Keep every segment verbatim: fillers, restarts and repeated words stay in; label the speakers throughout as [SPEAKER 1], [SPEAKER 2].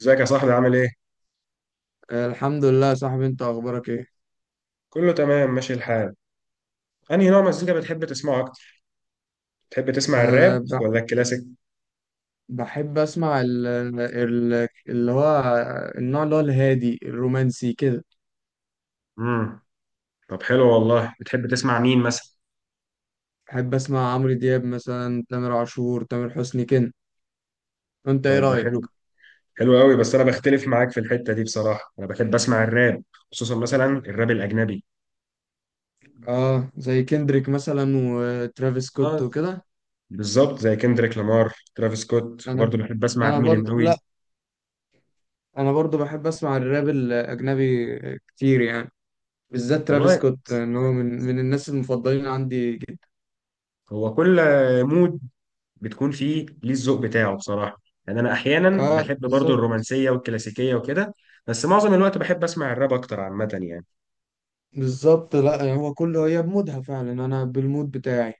[SPEAKER 1] ازيك يا صاحبي عامل ايه؟
[SPEAKER 2] الحمد لله يا صاحبي، انت اخبارك ايه؟
[SPEAKER 1] كله تمام ماشي الحال. انهي نوع مزيكا بتحب تسمعه اكتر؟ بتحب تسمع
[SPEAKER 2] أه
[SPEAKER 1] الراب
[SPEAKER 2] ب-
[SPEAKER 1] ولا الكلاسيك؟
[SPEAKER 2] بحب اسمع ال ال اللي هو النوع اللي هو الهادي الرومانسي كده.
[SPEAKER 1] امم. طب حلو والله، بتحب تسمع مين مثلا؟
[SPEAKER 2] بحب اسمع عمرو دياب مثلا، تامر عاشور، تامر حسني كده. انت ايه
[SPEAKER 1] طب ده حلو،
[SPEAKER 2] رايك؟
[SPEAKER 1] حلو قوي، بس انا بختلف معاك في الحتة دي بصراحة، انا بحب اسمع الراب خصوصا مثلا الراب الاجنبي.
[SPEAKER 2] اه، زي كندريك مثلا وترافيس سكوت
[SPEAKER 1] اه،
[SPEAKER 2] وكده.
[SPEAKER 1] بالظبط زي كندريك لامار، ترافيس سكوت،
[SPEAKER 2] انا
[SPEAKER 1] وبرضه بحب اسمع
[SPEAKER 2] انا
[SPEAKER 1] امينيم
[SPEAKER 2] برضه
[SPEAKER 1] قوي.
[SPEAKER 2] لا انا برضه بحب اسمع الراب الاجنبي كتير يعني. بالذات ترافيس
[SPEAKER 1] والله،
[SPEAKER 2] سكوت، ان هو من من الناس المفضلين عندي جدا.
[SPEAKER 1] هو كل مود بتكون فيه ليه الذوق بتاعه بصراحة. يعني أنا أحيانا
[SPEAKER 2] اه،
[SPEAKER 1] بحب برضو
[SPEAKER 2] بالظبط.
[SPEAKER 1] الرومانسية والكلاسيكية وكده، بس معظم الوقت بحب أسمع الراب أكتر عامة يعني.
[SPEAKER 2] بالظبط، لا هو كله هي بمودها فعلا، انا بالمود بتاعي.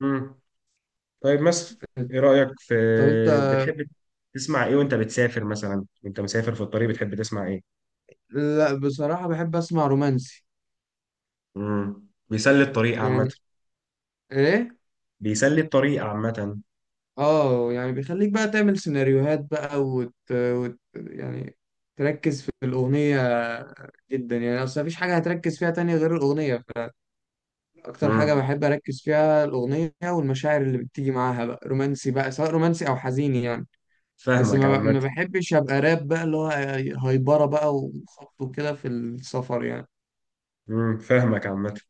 [SPEAKER 1] مم. طيب مثلا، إيه رأيك في
[SPEAKER 2] طب انت.
[SPEAKER 1] بتحب تسمع إيه وأنت بتسافر مثلا، وأنت مسافر في الطريق بتحب تسمع إيه؟
[SPEAKER 2] لا، بصراحة بحب اسمع رومانسي.
[SPEAKER 1] مم. بيسلي الطريق عامة.
[SPEAKER 2] يعني. ايه.
[SPEAKER 1] بيسلي الطريق عامة
[SPEAKER 2] اه يعني بيخليك بقى تعمل سيناريوهات بقى، وت... وت... يعني تركز في الأغنية جدا. يعني اصل مفيش حاجة هتركز فيها تانية غير الأغنية. اكتر حاجة
[SPEAKER 1] مم.
[SPEAKER 2] بحب اركز فيها الأغنية والمشاعر اللي بتيجي معاها، بقى رومانسي، بقى سواء رومانسي او حزين يعني. بس
[SPEAKER 1] فاهمك
[SPEAKER 2] ما, ب...
[SPEAKER 1] عامة.
[SPEAKER 2] ما بحبش ابقى راب بقى اللي هو هايبرة بقى وخبط وكده في السفر يعني.
[SPEAKER 1] مم. فاهمك عامة.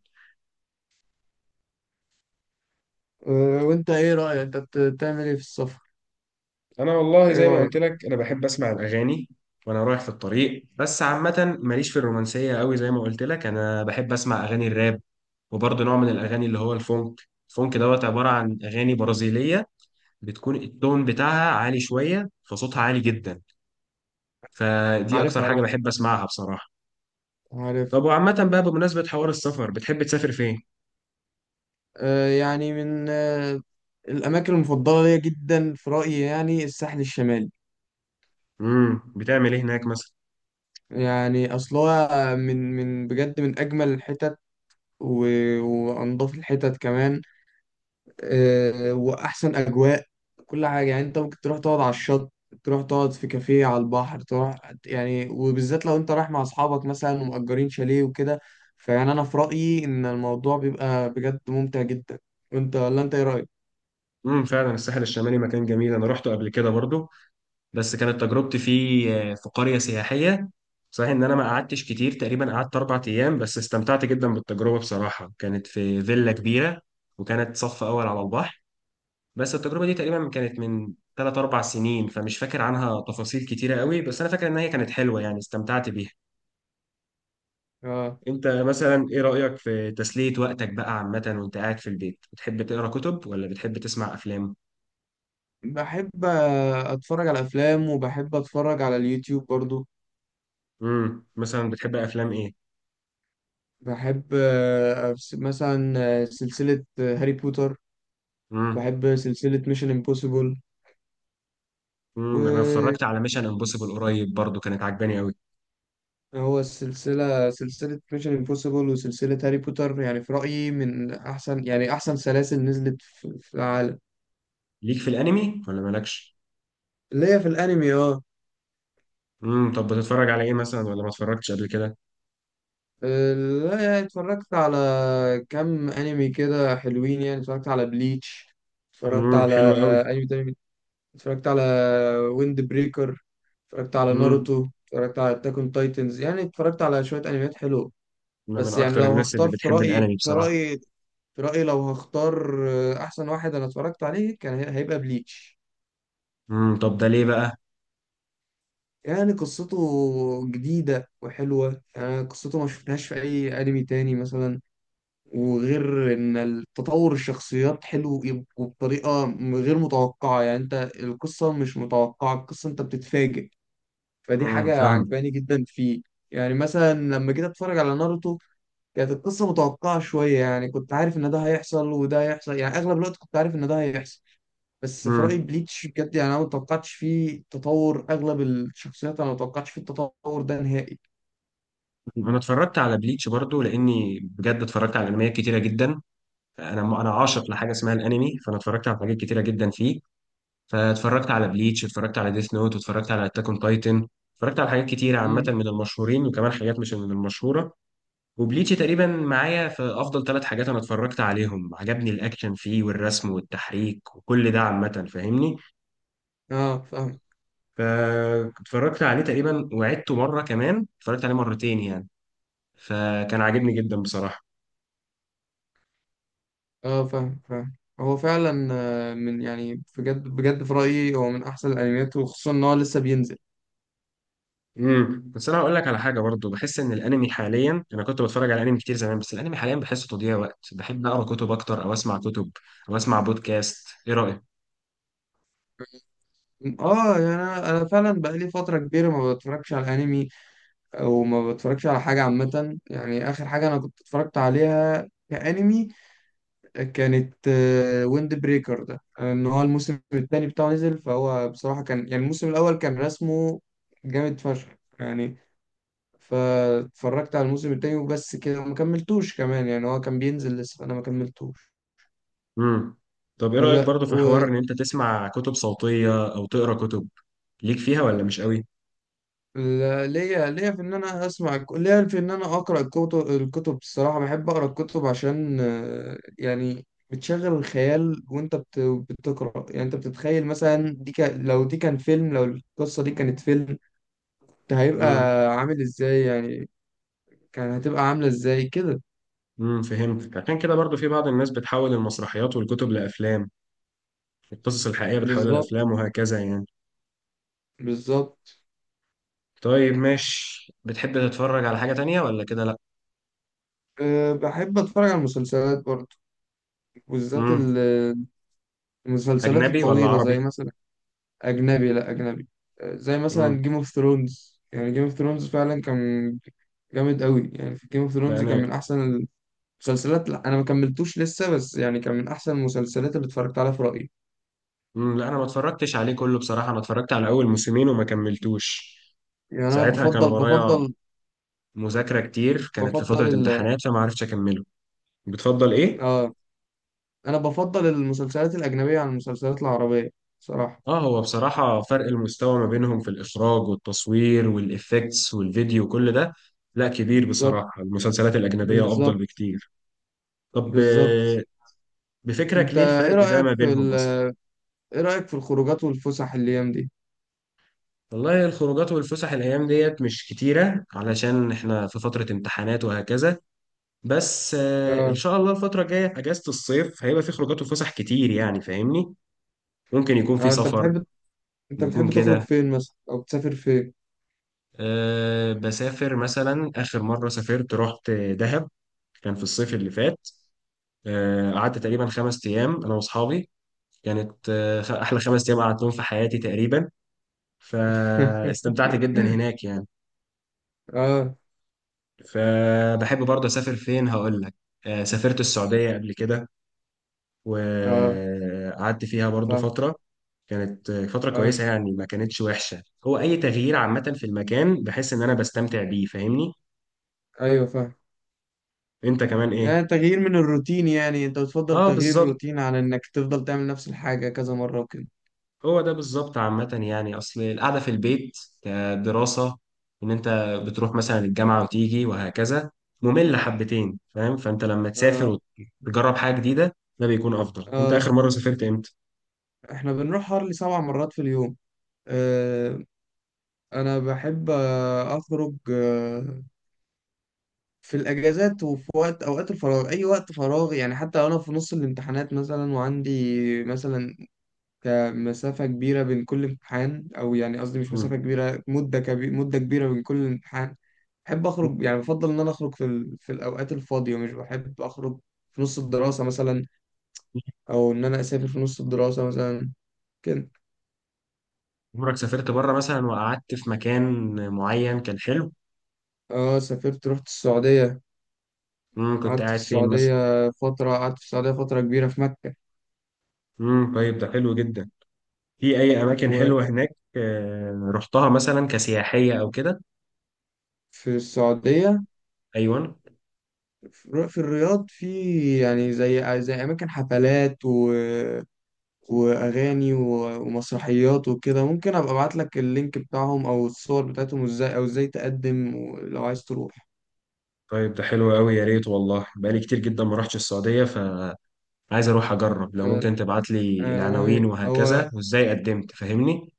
[SPEAKER 2] أه، وانت ايه رأيك؟ انت بت- بتعمل ايه في السفر؟
[SPEAKER 1] انا والله
[SPEAKER 2] ايه
[SPEAKER 1] زي ما
[SPEAKER 2] رأيك؟
[SPEAKER 1] قلت لك، انا بحب اسمع الاغاني وانا رايح في الطريق، بس عامه ماليش في الرومانسيه قوي. زي ما قلت لك انا بحب اسمع اغاني الراب، وبرضه نوع من الاغاني اللي هو الفونك. الفونك دوت عباره عن اغاني برازيليه، بتكون التون بتاعها عالي شويه، فصوتها عالي جدا، فدي
[SPEAKER 2] عارف،
[SPEAKER 1] اكتر
[SPEAKER 2] عارف،
[SPEAKER 1] حاجه بحب اسمعها بصراحه.
[SPEAKER 2] عارف.
[SPEAKER 1] طب وعامه بقى، بمناسبه حوار السفر، بتحب تسافر فين؟
[SPEAKER 2] أه، يعني من أه، الاماكن المفضلة ليا جدا في رأيي، يعني الساحل الشمالي.
[SPEAKER 1] امم بتعمل ايه هناك مثلا؟
[SPEAKER 2] يعني اصلها من من بجد من اجمل الحتت، و- وانضف الحتت كمان. آه، واحسن اجواء، كل حاجه. يعني انت ممكن تروح تقعد على الشط، تروح تقعد في كافيه على البحر، تروح يعني، وبالذات لو انت رايح مع اصحابك مثلا ومأجرين شاليه وكده. فيعني انا في رأيي ان الموضوع بيبقى بجد ممتع جدا. وانت ولا انت ايه رأيك؟
[SPEAKER 1] امم فعلا الساحل الشمالي مكان جميل، انا روحته قبل كده برضه، بس كانت تجربتي فيه آه، في قرية سياحية. صحيح ان انا ما قعدتش كتير، تقريبا قعدت اربع ايام، بس استمتعت جدا بالتجربة بصراحة. كانت في فيلا كبيرة، وكانت صف اول على البحر. بس التجربة دي تقريبا كانت من ثلاث اربع سنين، فمش فاكر عنها تفاصيل كتيرة قوي، بس انا فاكر ان هي كانت حلوة يعني، استمتعت بيها.
[SPEAKER 2] اه،
[SPEAKER 1] انت مثلا ايه رأيك في تسلية وقتك بقى عامة وانت قاعد في البيت؟ بتحب تقرا كتب ولا بتحب تسمع افلام؟
[SPEAKER 2] بحب آه، اتفرج على افلام وبحب اتفرج على اليوتيوب برضو.
[SPEAKER 1] امم مثلا بتحب افلام؟
[SPEAKER 2] بحب آه، أبس- مثلا آه، سلسلة آه، هاري بوتر.
[SPEAKER 1] ايه.
[SPEAKER 2] بحب سلسلة ميشن امبوسيبل.
[SPEAKER 1] امم انا اتفرجت على ميشن امبوسيبل قريب برضو، كانت عجباني قوي.
[SPEAKER 2] هو السلسلة سلسلة ميشن امبوسيبل وسلسلة هاري بوتر، يعني في رأيي من أحسن، يعني أحسن سلاسل نزلت في, في العالم.
[SPEAKER 1] ليك في الانمي ولا مالكش؟
[SPEAKER 2] اللي هي في الأنمي، اه.
[SPEAKER 1] امم طب بتتفرج على ايه مثلا، ولا ما اتفرجتش قبل كده؟
[SPEAKER 2] آه، لا يعني اتفرجت على كام أنمي كده حلوين. يعني اتفرجت على بليتش، اتفرجت
[SPEAKER 1] امم
[SPEAKER 2] على
[SPEAKER 1] حلو قوي.
[SPEAKER 2] أنمي تاني، اتفرجت على ويند بريكر، اتفرجت على
[SPEAKER 1] امم
[SPEAKER 2] ناروتو، اتفرجت على أتاك أون تايتنز، يعني اتفرجت على شوية أنميات حلوة.
[SPEAKER 1] انا من
[SPEAKER 2] بس يعني
[SPEAKER 1] اكتر
[SPEAKER 2] لو
[SPEAKER 1] الناس اللي
[SPEAKER 2] هختار، في
[SPEAKER 1] بتحب
[SPEAKER 2] رأيي
[SPEAKER 1] الانمي
[SPEAKER 2] في
[SPEAKER 1] بصراحه.
[SPEAKER 2] رأيي في رأيي لو هختار آه، أحسن واحد أنا اتفرجت عليه، كان هي- هيبقى بليتش.
[SPEAKER 1] امم طب ده ليه بقى؟
[SPEAKER 2] يعني قصته جديدة وحلوة، يعني قصته ما شفناهاش في أي أنمي تاني مثلا. وغير إن التطور الشخصيات حلو، يب- وبطريقة م- غير متوقعة. يعني أنت القصة مش متوقعة، القصة أنت بتتفاجئ. فدي
[SPEAKER 1] امم
[SPEAKER 2] حاجة
[SPEAKER 1] فاهم.
[SPEAKER 2] عجباني جدا فيه. يعني مثلا لما جيت أتفرج على ناروتو، كانت القصة متوقعة شوية، يعني كنت عارف إن ده هيحصل وده هيحصل، يعني أغلب الوقت كنت عارف إن ده هيحصل. بس في رأيي
[SPEAKER 1] امم
[SPEAKER 2] بليتش بجد، يعني انا ما توقعتش فيه تطور اغلب الشخصيات، انا ما توقعتش فيه التطور ده نهائي.
[SPEAKER 1] انا اتفرجت على بليتش برضو، لاني بجد اتفرجت على انميات كتيره جدا. انا انا عاشق لحاجه اسمها الانمي، فانا اتفرجت على حاجات كتيره جدا فيه. فاتفرجت على بليتش، اتفرجت على ديث نوت، واتفرجت على اتاك اون تايتن. اتفرجت على حاجات كتيره عامه
[SPEAKER 2] امم.
[SPEAKER 1] من المشهورين، وكمان حاجات مش من المشهوره. وبليتشي تقريبا معايا في افضل ثلاث حاجات انا اتفرجت عليهم. عجبني الاكشن فيه والرسم والتحريك وكل ده عامه، فاهمني؟
[SPEAKER 2] اه، فاهم.
[SPEAKER 1] فاتفرجت عليه تقريبا وعدته مره كمان، اتفرجت عليه مرتين يعني، فكان عاجبني جدا بصراحه.
[SPEAKER 2] اه، فاهم، فاهم. هو فعلا آه، من يعني بجد بجد في رأيي هو من احسن الانميات، وخصوصا ان هو لسه بينزل.
[SPEAKER 1] امم بس انا هقول لك على حاجه برضو. بحس ان الانمي حاليا، انا كنت بتفرج على انمي كتير زمان، بس الانمي حاليا بحسه تضييع وقت. بحب اقرا كتب اكتر او اسمع كتب او اسمع بودكاست. ايه رايك؟
[SPEAKER 2] اه، يعني انا أنا فعلا بقالي فترة كبيرة ما بتفرجش على انمي، او ما بتفرجش على حاجة عامة. يعني اخر حاجة انا كنت اتفرجت عليها كأنمي كانت ويند بريكر، ده ان هو الموسم الثاني بتاعه نزل، فهو بصراحة كان يعني الموسم الأول كان رسمه جامد فشخ يعني. فاتفرجت على الموسم الثاني وبس كده وما كملتوش كمان، يعني هو كان بينزل لسه فأنا ما كملتوش.
[SPEAKER 1] امم طب ايه رايك
[SPEAKER 2] والله.
[SPEAKER 1] برضو في حوار ان انت تسمع كتب صوتيه او تقرا كتب؟ ليك فيها ولا مش قوي؟
[SPEAKER 2] وليا ليا في ان انا اسمع الك- ليا في ان انا اقرا الكتب، الكتب الصراحه بحب اقرا الكتب عشان آه، يعني بتشغل الخيال. وانت بت- بتقرا، يعني انت بتتخيل مثلا، دي كان لو دي كان فيلم لو القصه دي كانت فيلم، ده هيبقى
[SPEAKER 1] امم.
[SPEAKER 2] عامل ازاي يعني؟ كان هتبقى عاملة ازاي كده؟
[SPEAKER 1] امم فهمتك، عشان كده برضو في بعض الناس بتحول المسرحيات والكتب لأفلام، القصص الحقيقية بتحولها
[SPEAKER 2] بالظبط.
[SPEAKER 1] لأفلام وهكذا يعني.
[SPEAKER 2] بالظبط.
[SPEAKER 1] طيب ماشي، بتحب تتفرج على حاجة تانية ولا كده لا؟
[SPEAKER 2] أه، بحب اتفرج على المسلسلات برضه، بالذات
[SPEAKER 1] امم
[SPEAKER 2] ال- المسلسلات
[SPEAKER 1] أجنبي ولا
[SPEAKER 2] الطويلة، زي
[SPEAKER 1] عربي؟
[SPEAKER 2] مثلا. اجنبي، لا اجنبي. أه زي
[SPEAKER 1] امم
[SPEAKER 2] مثلا جيم اوف ثرونز، يعني جيم اوف ثرونز فعلا كان جامد قوي. يعني في جيم اوف
[SPEAKER 1] لا
[SPEAKER 2] ثرونز كان
[SPEAKER 1] أنا
[SPEAKER 2] من احسن المسلسلات. لا انا ما كملتوش لسه، بس يعني كان من احسن المسلسلات اللي اتفرجت عليها في رأيي.
[SPEAKER 1] امم لا أنا ما اتفرجتش عليه كله بصراحة، أنا اتفرجت على أول موسمين وما كملتوش.
[SPEAKER 2] يعني انا
[SPEAKER 1] ساعتها كان
[SPEAKER 2] بفضل
[SPEAKER 1] ورايا
[SPEAKER 2] بفضل
[SPEAKER 1] مذاكرة كتير، كانت في
[SPEAKER 2] بفضل
[SPEAKER 1] فترة
[SPEAKER 2] ال...
[SPEAKER 1] امتحانات فما عرفتش أكمله. بتفضل إيه؟
[SPEAKER 2] اه، انا بفضل المسلسلات الاجنبيه عن المسلسلات العربيه صراحه.
[SPEAKER 1] اه، هو بصراحة فرق المستوى ما بينهم في الإخراج والتصوير والإفكتس والفيديو، كل ده لا كبير
[SPEAKER 2] بالظبط.
[SPEAKER 1] بصراحة، المسلسلات الأجنبية أفضل
[SPEAKER 2] بالظبط.
[SPEAKER 1] بكتير. طب
[SPEAKER 2] بالظبط.
[SPEAKER 1] آه، بفكرك
[SPEAKER 2] انت
[SPEAKER 1] ليه
[SPEAKER 2] ايه
[SPEAKER 1] الفرق ده
[SPEAKER 2] رايك
[SPEAKER 1] ما
[SPEAKER 2] في
[SPEAKER 1] بينهم
[SPEAKER 2] ال...
[SPEAKER 1] أصلا؟
[SPEAKER 2] ايه رايك في الخروجات والفسح الايام دي؟
[SPEAKER 1] والله الخروجات والفسح الأيام ديت مش كتيرة علشان إحنا في فترة امتحانات وهكذا، بس آه، إن
[SPEAKER 2] اه.
[SPEAKER 1] شاء الله الفترة الجاية أجازة الصيف هيبقى في خروجات وفسح كتير يعني، فاهمني؟ ممكن يكون في
[SPEAKER 2] اه، انت
[SPEAKER 1] سفر،
[SPEAKER 2] بتحب، انت
[SPEAKER 1] نكون
[SPEAKER 2] بتحب تخرج
[SPEAKER 1] كده.
[SPEAKER 2] فين مثلا، او بتسافر فين؟
[SPEAKER 1] أه، بسافر مثلا. آخر مرة سافرت رحت دهب، كان في الصيف اللي فات. أه، قعدت تقريبا خمس أيام أنا وأصحابي. كانت آه، خ- أحلى خمس أيام قعدتهم في حياتي تقريبا، فاستمتعت جدا هناك يعني.
[SPEAKER 2] اه.
[SPEAKER 1] فبحب برضه أسافر فين، هقول لك. أه، سافرت السعودية قبل كده
[SPEAKER 2] اه،
[SPEAKER 1] وقعدت فيها برضه
[SPEAKER 2] فاهم.
[SPEAKER 1] فترة. كانت آه، فترة
[SPEAKER 2] اه،
[SPEAKER 1] كويسة يعني، ما كانتش وحشة. هو أي تغيير عامة في المكان بحس إن أنا بستمتع بيه، فاهمني؟
[SPEAKER 2] ايوه، فاهم.
[SPEAKER 1] أنت كمان إيه؟
[SPEAKER 2] يعني تغيير من الروتين، يعني انت بتفضل
[SPEAKER 1] اه،
[SPEAKER 2] تغيير
[SPEAKER 1] بالظبط.
[SPEAKER 2] الروتين عن انك تفضل تعمل نفس الحاجه كذا مره وكده.
[SPEAKER 1] هو ده بالظبط عامة يعني، أصل القعدة في البيت كدراسة، إن أنت بتروح مثلا الجامعة وتيجي وهكذا، مملة حبتين فاهم؟ فأنت لما
[SPEAKER 2] اه.
[SPEAKER 1] تسافر وتجرب حاجة جديدة ده بيكون أفضل. أنت
[SPEAKER 2] اه،
[SPEAKER 1] آخر مرة سافرت إمتى؟
[SPEAKER 2] احنا بنروح هارلي سبع مرات في اليوم. آه، انا بحب آه، اخرج آه، في الاجازات، وفي وقت اوقات الفراغ، اي وقت فراغ يعني. حتى لو انا في نص الامتحانات مثلا، وعندي مثلا مسافة كبيرة بين كل امتحان، او يعني قصدي مش مسافة
[SPEAKER 1] مم.
[SPEAKER 2] كبيرة، مدة كبي مدة كبيرة بين كل امتحان. بحب اخرج، يعني بفضل ان انا اخرج في ال... في الاوقات الفاضية. مش بحب اخرج في نص الدراسة مثلا، او ان انا اسافر في نص الدراسة مثلا كده.
[SPEAKER 1] عمرك سافرت بره مثلا وقعدت في مكان معين كان حلو؟
[SPEAKER 2] اه، سافرت، رحت السعودية.
[SPEAKER 1] مم. كنت
[SPEAKER 2] قعدت في
[SPEAKER 1] قاعد فين مثلا؟
[SPEAKER 2] السعودية فترة، قعدت في السعودية فترة كبيرة في مكة.
[SPEAKER 1] مم. طيب ده حلو جدا، في أي أماكن
[SPEAKER 2] وفي
[SPEAKER 1] حلوة هناك آه، رحتها مثلا كسياحية أو كده؟
[SPEAKER 2] السعودية،
[SPEAKER 1] أيوه.
[SPEAKER 2] في في الرياض. في يعني، زي زي أماكن حفلات و... وأغاني و... ومسرحيات وكده. ممكن أبقى أبعت لك اللينك بتاعهم أو الصور بتاعتهم، إزاي أو إزاي تقدم لو عايز تروح.
[SPEAKER 1] طيب ده حلو قوي، يا ريت والله. بقالي كتير جدا ما رحتش السعودية، فعايز اروح اجرب. لو
[SPEAKER 2] أه،
[SPEAKER 1] ممكن تبعت لي
[SPEAKER 2] أنا-
[SPEAKER 1] العناوين
[SPEAKER 2] هو
[SPEAKER 1] وهكذا، وازاي قدمت، فاهمني؟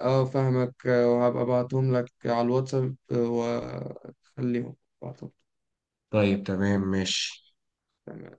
[SPEAKER 2] أه فاهمك. آه، وهبقى أبعتهم لك على الواتساب، آه، وأخليهم أبعتهم.
[SPEAKER 1] طيب تمام ماشي.
[SPEAKER 2] تمام.